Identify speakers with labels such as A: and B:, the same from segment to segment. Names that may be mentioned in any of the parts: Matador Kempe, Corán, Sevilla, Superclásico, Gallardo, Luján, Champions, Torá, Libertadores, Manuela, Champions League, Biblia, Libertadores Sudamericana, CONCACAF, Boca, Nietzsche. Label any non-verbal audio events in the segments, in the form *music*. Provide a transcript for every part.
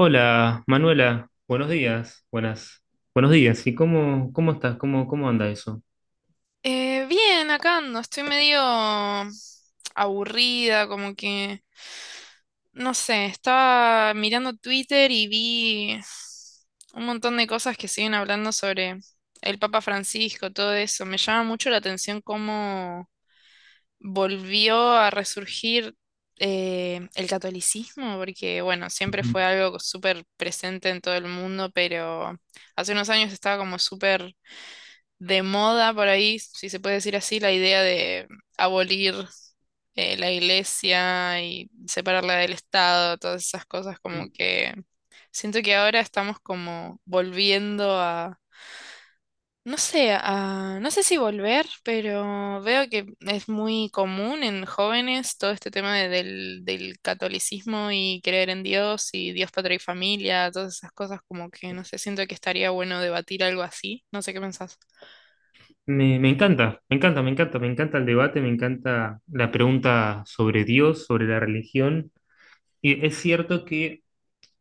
A: Hola, Manuela, buenos días, buenos días. ¿Y cómo estás? Cómo anda eso?
B: Bien, acá ando, estoy medio aburrida, como que, no sé, estaba mirando Twitter y vi un montón de cosas que siguen hablando sobre el Papa Francisco, todo eso. Me llama mucho la atención cómo volvió a resurgir el catolicismo, porque, bueno, siempre fue
A: Ujú.
B: algo súper presente en todo el mundo, pero hace unos años estaba como súper de moda por ahí, si se puede decir así, la idea de abolir la iglesia y separarla del Estado, todas esas cosas, como que siento que ahora estamos como volviendo a, no sé, no sé si volver, pero veo que es muy común en jóvenes todo este tema del, del catolicismo y creer en Dios y Dios, patria y familia, todas esas cosas como que no sé, siento que estaría bueno debatir algo así, no sé qué pensás.
A: Me encanta, me encanta, me encanta, me encanta el debate, me encanta la pregunta sobre Dios, sobre la religión. Y es cierto que,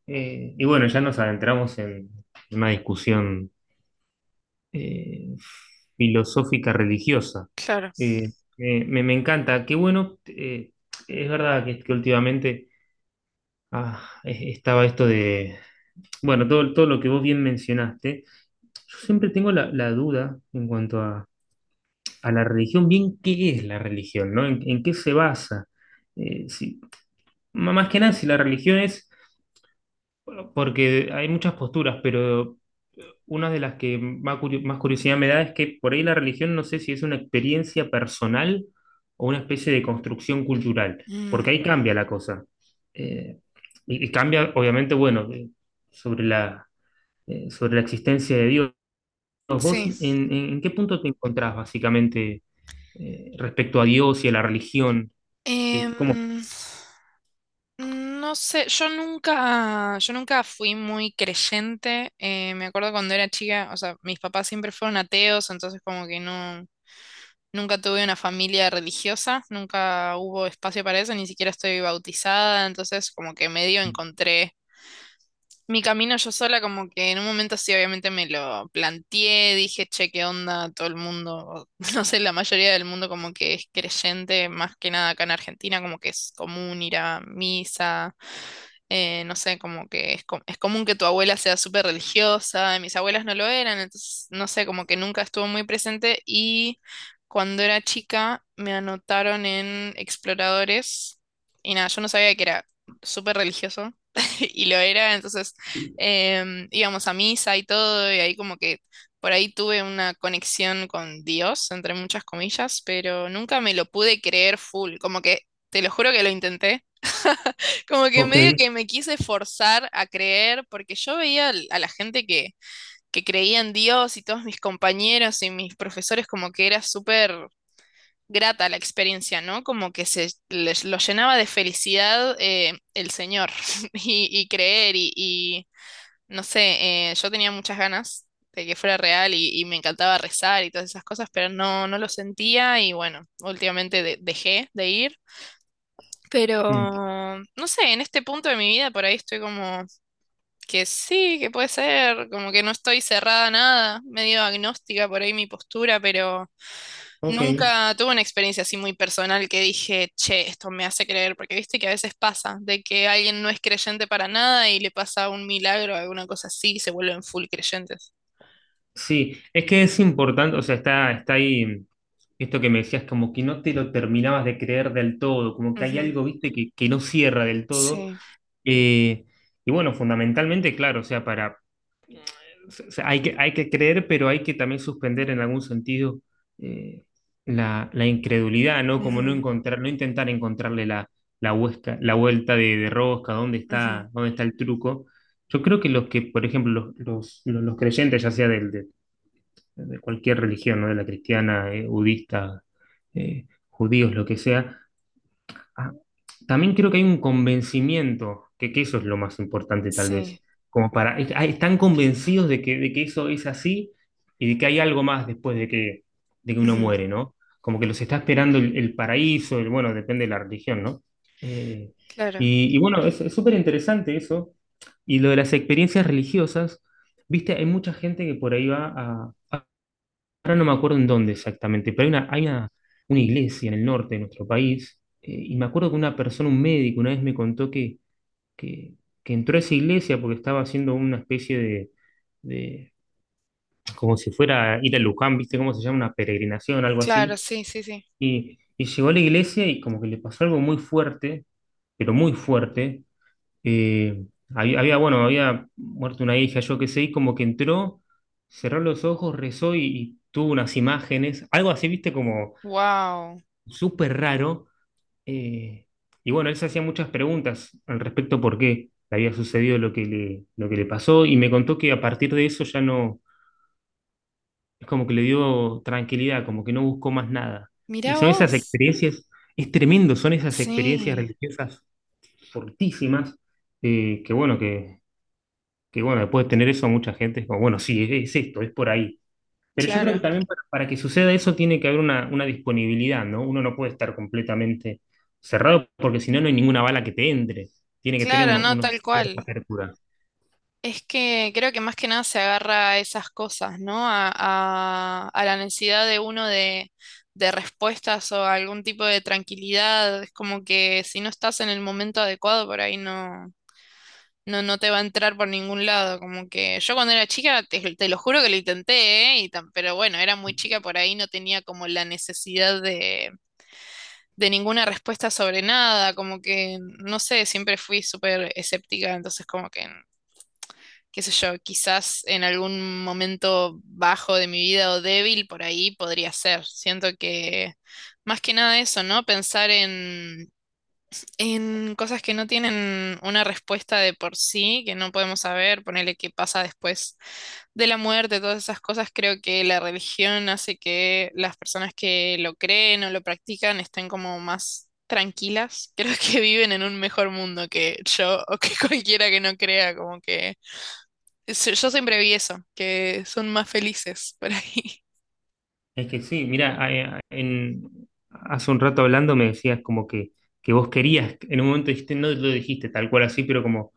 A: eh, y bueno, ya nos adentramos en una discusión eh, filosófica religiosa.
B: Claro.
A: Me encanta, qué bueno, es verdad que últimamente estaba esto de bueno, todo, todo lo que vos bien mencionaste, yo siempre tengo la duda en cuanto a la religión, bien qué es la religión, ¿no? En qué se basa? Eh, si- Más que nada, si la religión es, bueno, porque hay muchas posturas, pero una de las que más curiosidad me da es que por ahí la religión no sé si es una experiencia personal o una especie de construcción cultural,
B: Mm,
A: porque ahí cambia la cosa. Eh, y cambia, obviamente, bueno, sobre sobre la existencia de Dios. Bueno, vos
B: sí.
A: en qué punto te encontrás básicamente, respecto a Dios y a la religión. ¿Qué,
B: Em,
A: cómo?
B: No sé, yo nunca fui muy creyente. Me acuerdo cuando era chica, o sea, mis papás siempre fueron ateos, entonces como que no, nunca tuve una familia religiosa, nunca hubo espacio para eso, ni siquiera estoy bautizada, entonces como que medio encontré mi camino yo sola, como que en un momento sí, obviamente me lo planteé, dije, che, qué onda, todo el mundo, o *laughs* no sé, la mayoría del mundo como que es creyente, más que nada acá en Argentina, como que es común ir a misa no sé, como que es, es común que tu abuela sea súper religiosa, y mis abuelas no lo eran, entonces, no sé, como que nunca estuvo muy presente y cuando era chica me anotaron en Exploradores y nada, yo no sabía que era súper religioso *laughs* y lo era, entonces íbamos a misa y todo y ahí como que por ahí tuve una conexión con Dios, entre muchas comillas, pero nunca me lo pude creer full, como que te lo juro que lo intenté. Como que
A: Ok,
B: medio que me quise forzar a creer, porque yo veía a la gente que creía en Dios y todos mis compañeros y mis profesores como que era súper grata la experiencia, ¿no? Como que se les, lo llenaba de felicidad el Señor *laughs* y creer y, no sé, yo tenía muchas ganas de que fuera real y me encantaba rezar y todas esas cosas, pero no, no lo sentía y bueno, últimamente dejé de ir.
A: mm,
B: Pero, no sé, en este punto de mi vida por ahí estoy como que sí, que puede ser, como que no estoy cerrada a nada, medio agnóstica por ahí mi postura, pero
A: ok.
B: nunca tuve una experiencia así muy personal que dije, che, esto me hace creer, porque viste que a veces pasa, de que alguien no es creyente para nada y le pasa un milagro, alguna cosa así, y se vuelven full creyentes.
A: Sí, es que es importante, o sea, está ahí, esto que me decías, como que no te lo terminabas de creer del todo, como que hay
B: Ujú,
A: algo, viste, que no cierra del todo.
B: sí,
A: Eh, y bueno, fundamentalmente, claro, o sea, hay hay que creer, pero hay que también suspender en algún sentido eh, la incredulidad, ¿no? Como no
B: ujú,
A: encontrar, no intentar encontrarle la vuelta de rosca,
B: ujú,
A: dónde está el truco. Yo creo que los que, por ejemplo, los creyentes, ya sea de cualquier religión, ¿no? De la cristiana, budista, judíos, lo que sea. Ah, También creo que hay un convencimiento, que eso es lo más importante tal
B: sí,
A: vez, como para están convencidos de que eso es así y de que hay algo más de que uno
B: ujú,
A: muere, ¿no? Como que los está esperando el paraíso, el, bueno, depende de la religión, ¿no? Eh,
B: claro,
A: y bueno, es súper interesante eso. Y lo de las experiencias religiosas, viste, hay mucha gente que por ahí ahora no me acuerdo en dónde exactamente, pero una iglesia en el norte de nuestro país, y me acuerdo que una persona, un médico, una vez me contó que, que entró a esa iglesia porque estaba haciendo una especie de como si fuera a ir a Luján, ¿viste cómo se llama? Una peregrinación, algo
B: claro,
A: así,
B: sí, sí, sí.
A: y llegó a la iglesia y como que le pasó algo muy fuerte, pero muy fuerte, eh, había, bueno, había muerto una hija, yo qué sé, y como que entró, cerró los ojos, rezó y tuvo unas imágenes, algo así, viste, como,
B: Wow,
A: súper raro. eh, y bueno, él se hacía muchas preguntas al respecto por qué le había sucedido lo que lo que le pasó y me contó que a partir de eso ya no, es como que le dio tranquilidad, como que no buscó más nada. Y
B: mirá
A: son esas
B: vos.
A: experiencias, es tremendo, son esas experiencias
B: Sí,
A: religiosas fortísimas, eh, que bueno, que, que bueno, después de tener eso mucha gente es como, bueno, sí, es esto, es por ahí. Pero yo creo que
B: claro,
A: también para que suceda eso tiene que haber una disponibilidad, ¿no? Uno no puede estar completamente cerrado porque si no, no hay ninguna bala que te entre. Tiene que tener
B: claro, no,
A: uno
B: tal
A: cierta
B: cual.
A: apertura.
B: Es que creo que más que nada se agarra a esas cosas, ¿no? A la necesidad de uno de respuestas o algún tipo de tranquilidad. Es como que si no estás en el momento adecuado, por ahí no, no te va a entrar por ningún lado. Como que yo cuando era chica, te lo juro que lo intenté, ¿eh? Y pero bueno, era muy chica, por ahí no tenía como la necesidad de ninguna respuesta sobre nada, como que, no sé, siempre fui súper escéptica, entonces como que, qué sé yo, quizás en algún momento bajo de mi vida o débil por ahí podría ser. Siento que más que nada eso, ¿no? Pensar en cosas que no tienen una respuesta de por sí, que no podemos saber, ponerle qué pasa después de la muerte, todas esas cosas, creo que la religión hace que las personas que lo creen o lo practican estén como más tranquilas. *laughs* Creo que viven en un mejor mundo que yo o que *laughs* cualquiera que no crea, como que yo siempre vi eso, que son más felices por ahí.
A: Es que sí, mira, hace un rato hablando me decías como que vos querías, en un momento dijiste, no lo dijiste tal cual así, pero como,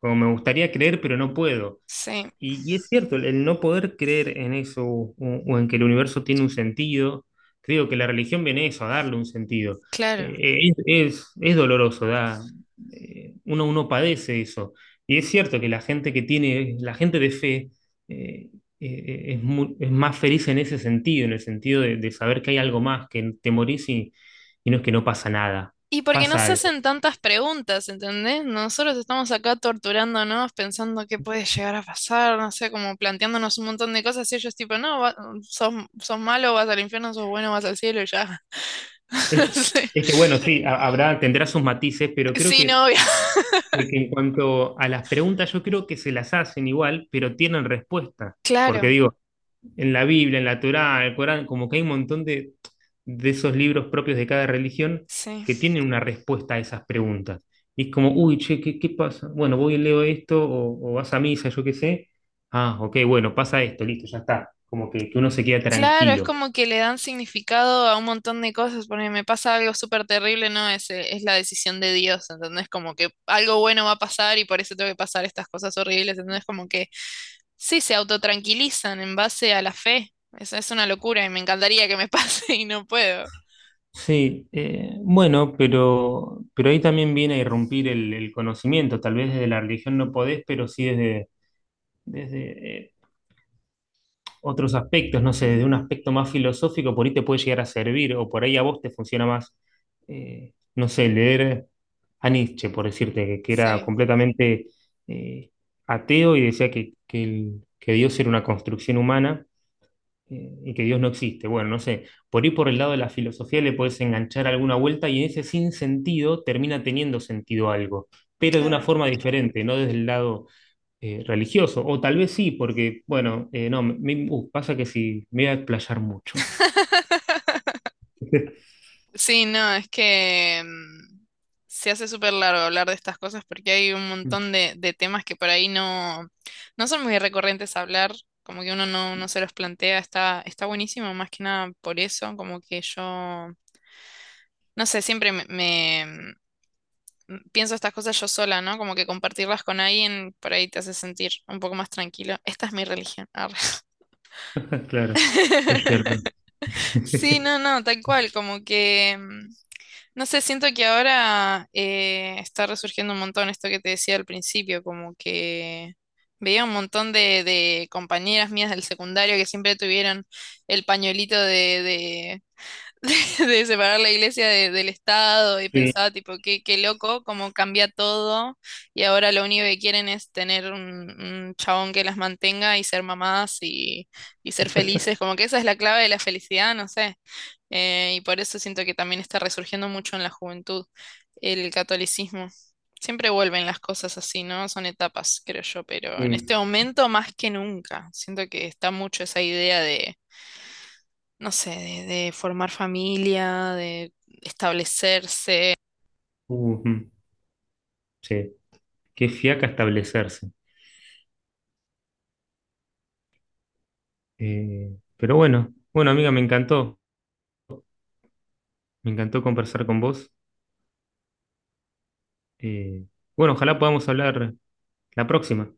A: como me gustaría creer, pero no puedo.
B: Sí,
A: Y es cierto, el no poder creer en eso o en que el universo tiene un sentido, creo que la religión viene eso, a darle un sentido.
B: claro.
A: Es doloroso, uno padece eso. Y es cierto que la gente que tiene, la gente de fe, eh, es más feliz en ese sentido, en el sentido de saber que hay algo más, que te morís y no es que no pasa nada,
B: Y porque no
A: pasa
B: se
A: algo.
B: hacen tantas preguntas, ¿entendés? Nosotros estamos acá torturándonos, pensando qué puede llegar a pasar, no sé, como planteándonos un montón de cosas y ellos tipo, no, sos, sos malo, vas al infierno, sos bueno, vas al cielo y ya. *laughs*
A: Es,
B: Sí,
A: es que bueno, sí, habrá, tendrá sus matices, pero creo
B: sí, novia.
A: que en cuanto a las preguntas, yo creo que se las hacen igual, pero tienen respuesta. Porque
B: Claro,
A: digo, en la Biblia, en la Torá, el Corán, como que hay un montón de esos libros propios de cada religión
B: sí.
A: que tienen una respuesta a esas preguntas. Y es como, uy, che, qué pasa? Bueno, voy y leo esto, o vas a misa, yo qué sé. Ah, ok, bueno, pasa esto, listo, ya está. Como que uno se queda
B: Claro, es
A: tranquilo.
B: como que le dan significado a un montón de cosas, porque me pasa algo súper terrible, ¿no? Es la decisión de Dios, ¿entendés? Como que algo bueno va a pasar y por eso tengo que pasar estas cosas horribles, ¿entendés? Como que... Sí, se autotranquilizan en base a la fe. Eso es una locura y me encantaría que me pase *laughs* y no puedo.
A: Sí, bueno, pero ahí también viene a irrumpir el conocimiento. Tal vez desde la religión no podés, pero sí desde otros aspectos, no sé, desde un
B: Ujú,
A: aspecto más filosófico, por ahí te puede llegar a servir, o por ahí a vos te funciona más, no sé, leer a Nietzsche, por decirte, que era
B: sí,
A: completamente eh, ateo y decía que Dios era una construcción humana, y que Dios no existe. Bueno, no sé, por ahí por el lado de la filosofía le puedes enganchar alguna vuelta y en ese sin sentido termina teniendo sentido algo, pero de una
B: claro.
A: forma diferente, no desde el lado religioso, o tal vez sí, porque, bueno, no, me- pasa que sí, me voy a explayar mucho.
B: *laughs*
A: *laughs*
B: Sí, no, es que se hace súper largo hablar de estas cosas porque hay un montón de temas que por ahí no, no son muy recurrentes a hablar, como que uno no, no se los plantea, está, está buenísimo más que nada por eso, como que yo, no sé, siempre pienso estas cosas yo sola, ¿no? Como que compartirlas con alguien por ahí te hace sentir un poco más tranquilo. Esta es mi religión. Arre.
A: Claro, es
B: *laughs*
A: cierto.
B: Sí,
A: *laughs*
B: no, no, tal cual, como que, no sé, siento que ahora está resurgiendo un montón esto que te decía al principio, como que veía un montón de compañeras mías del secundario que siempre tuvieron el pañuelito de separar la iglesia del Estado y
A: Sí,
B: pensaba tipo, qué, qué loco, cómo cambia todo y ahora lo único que quieren es tener un chabón que las mantenga y ser mamás y ser felices, como que esa es la clave de la felicidad, no sé. Y por eso siento que también está resurgiendo mucho en la juventud el catolicismo. Siempre vuelven las cosas así, ¿no? Son etapas, creo yo, pero en
A: sí,
B: este momento más que nunca. Siento que está mucho esa idea de no sé, de formar familia, de establecerse,
A: ujú, sí, qué fiaca establecerse. Pero bueno, bueno, amiga, me encantó conversar con vos. Eh, bueno, ojalá podamos hablar la próxima.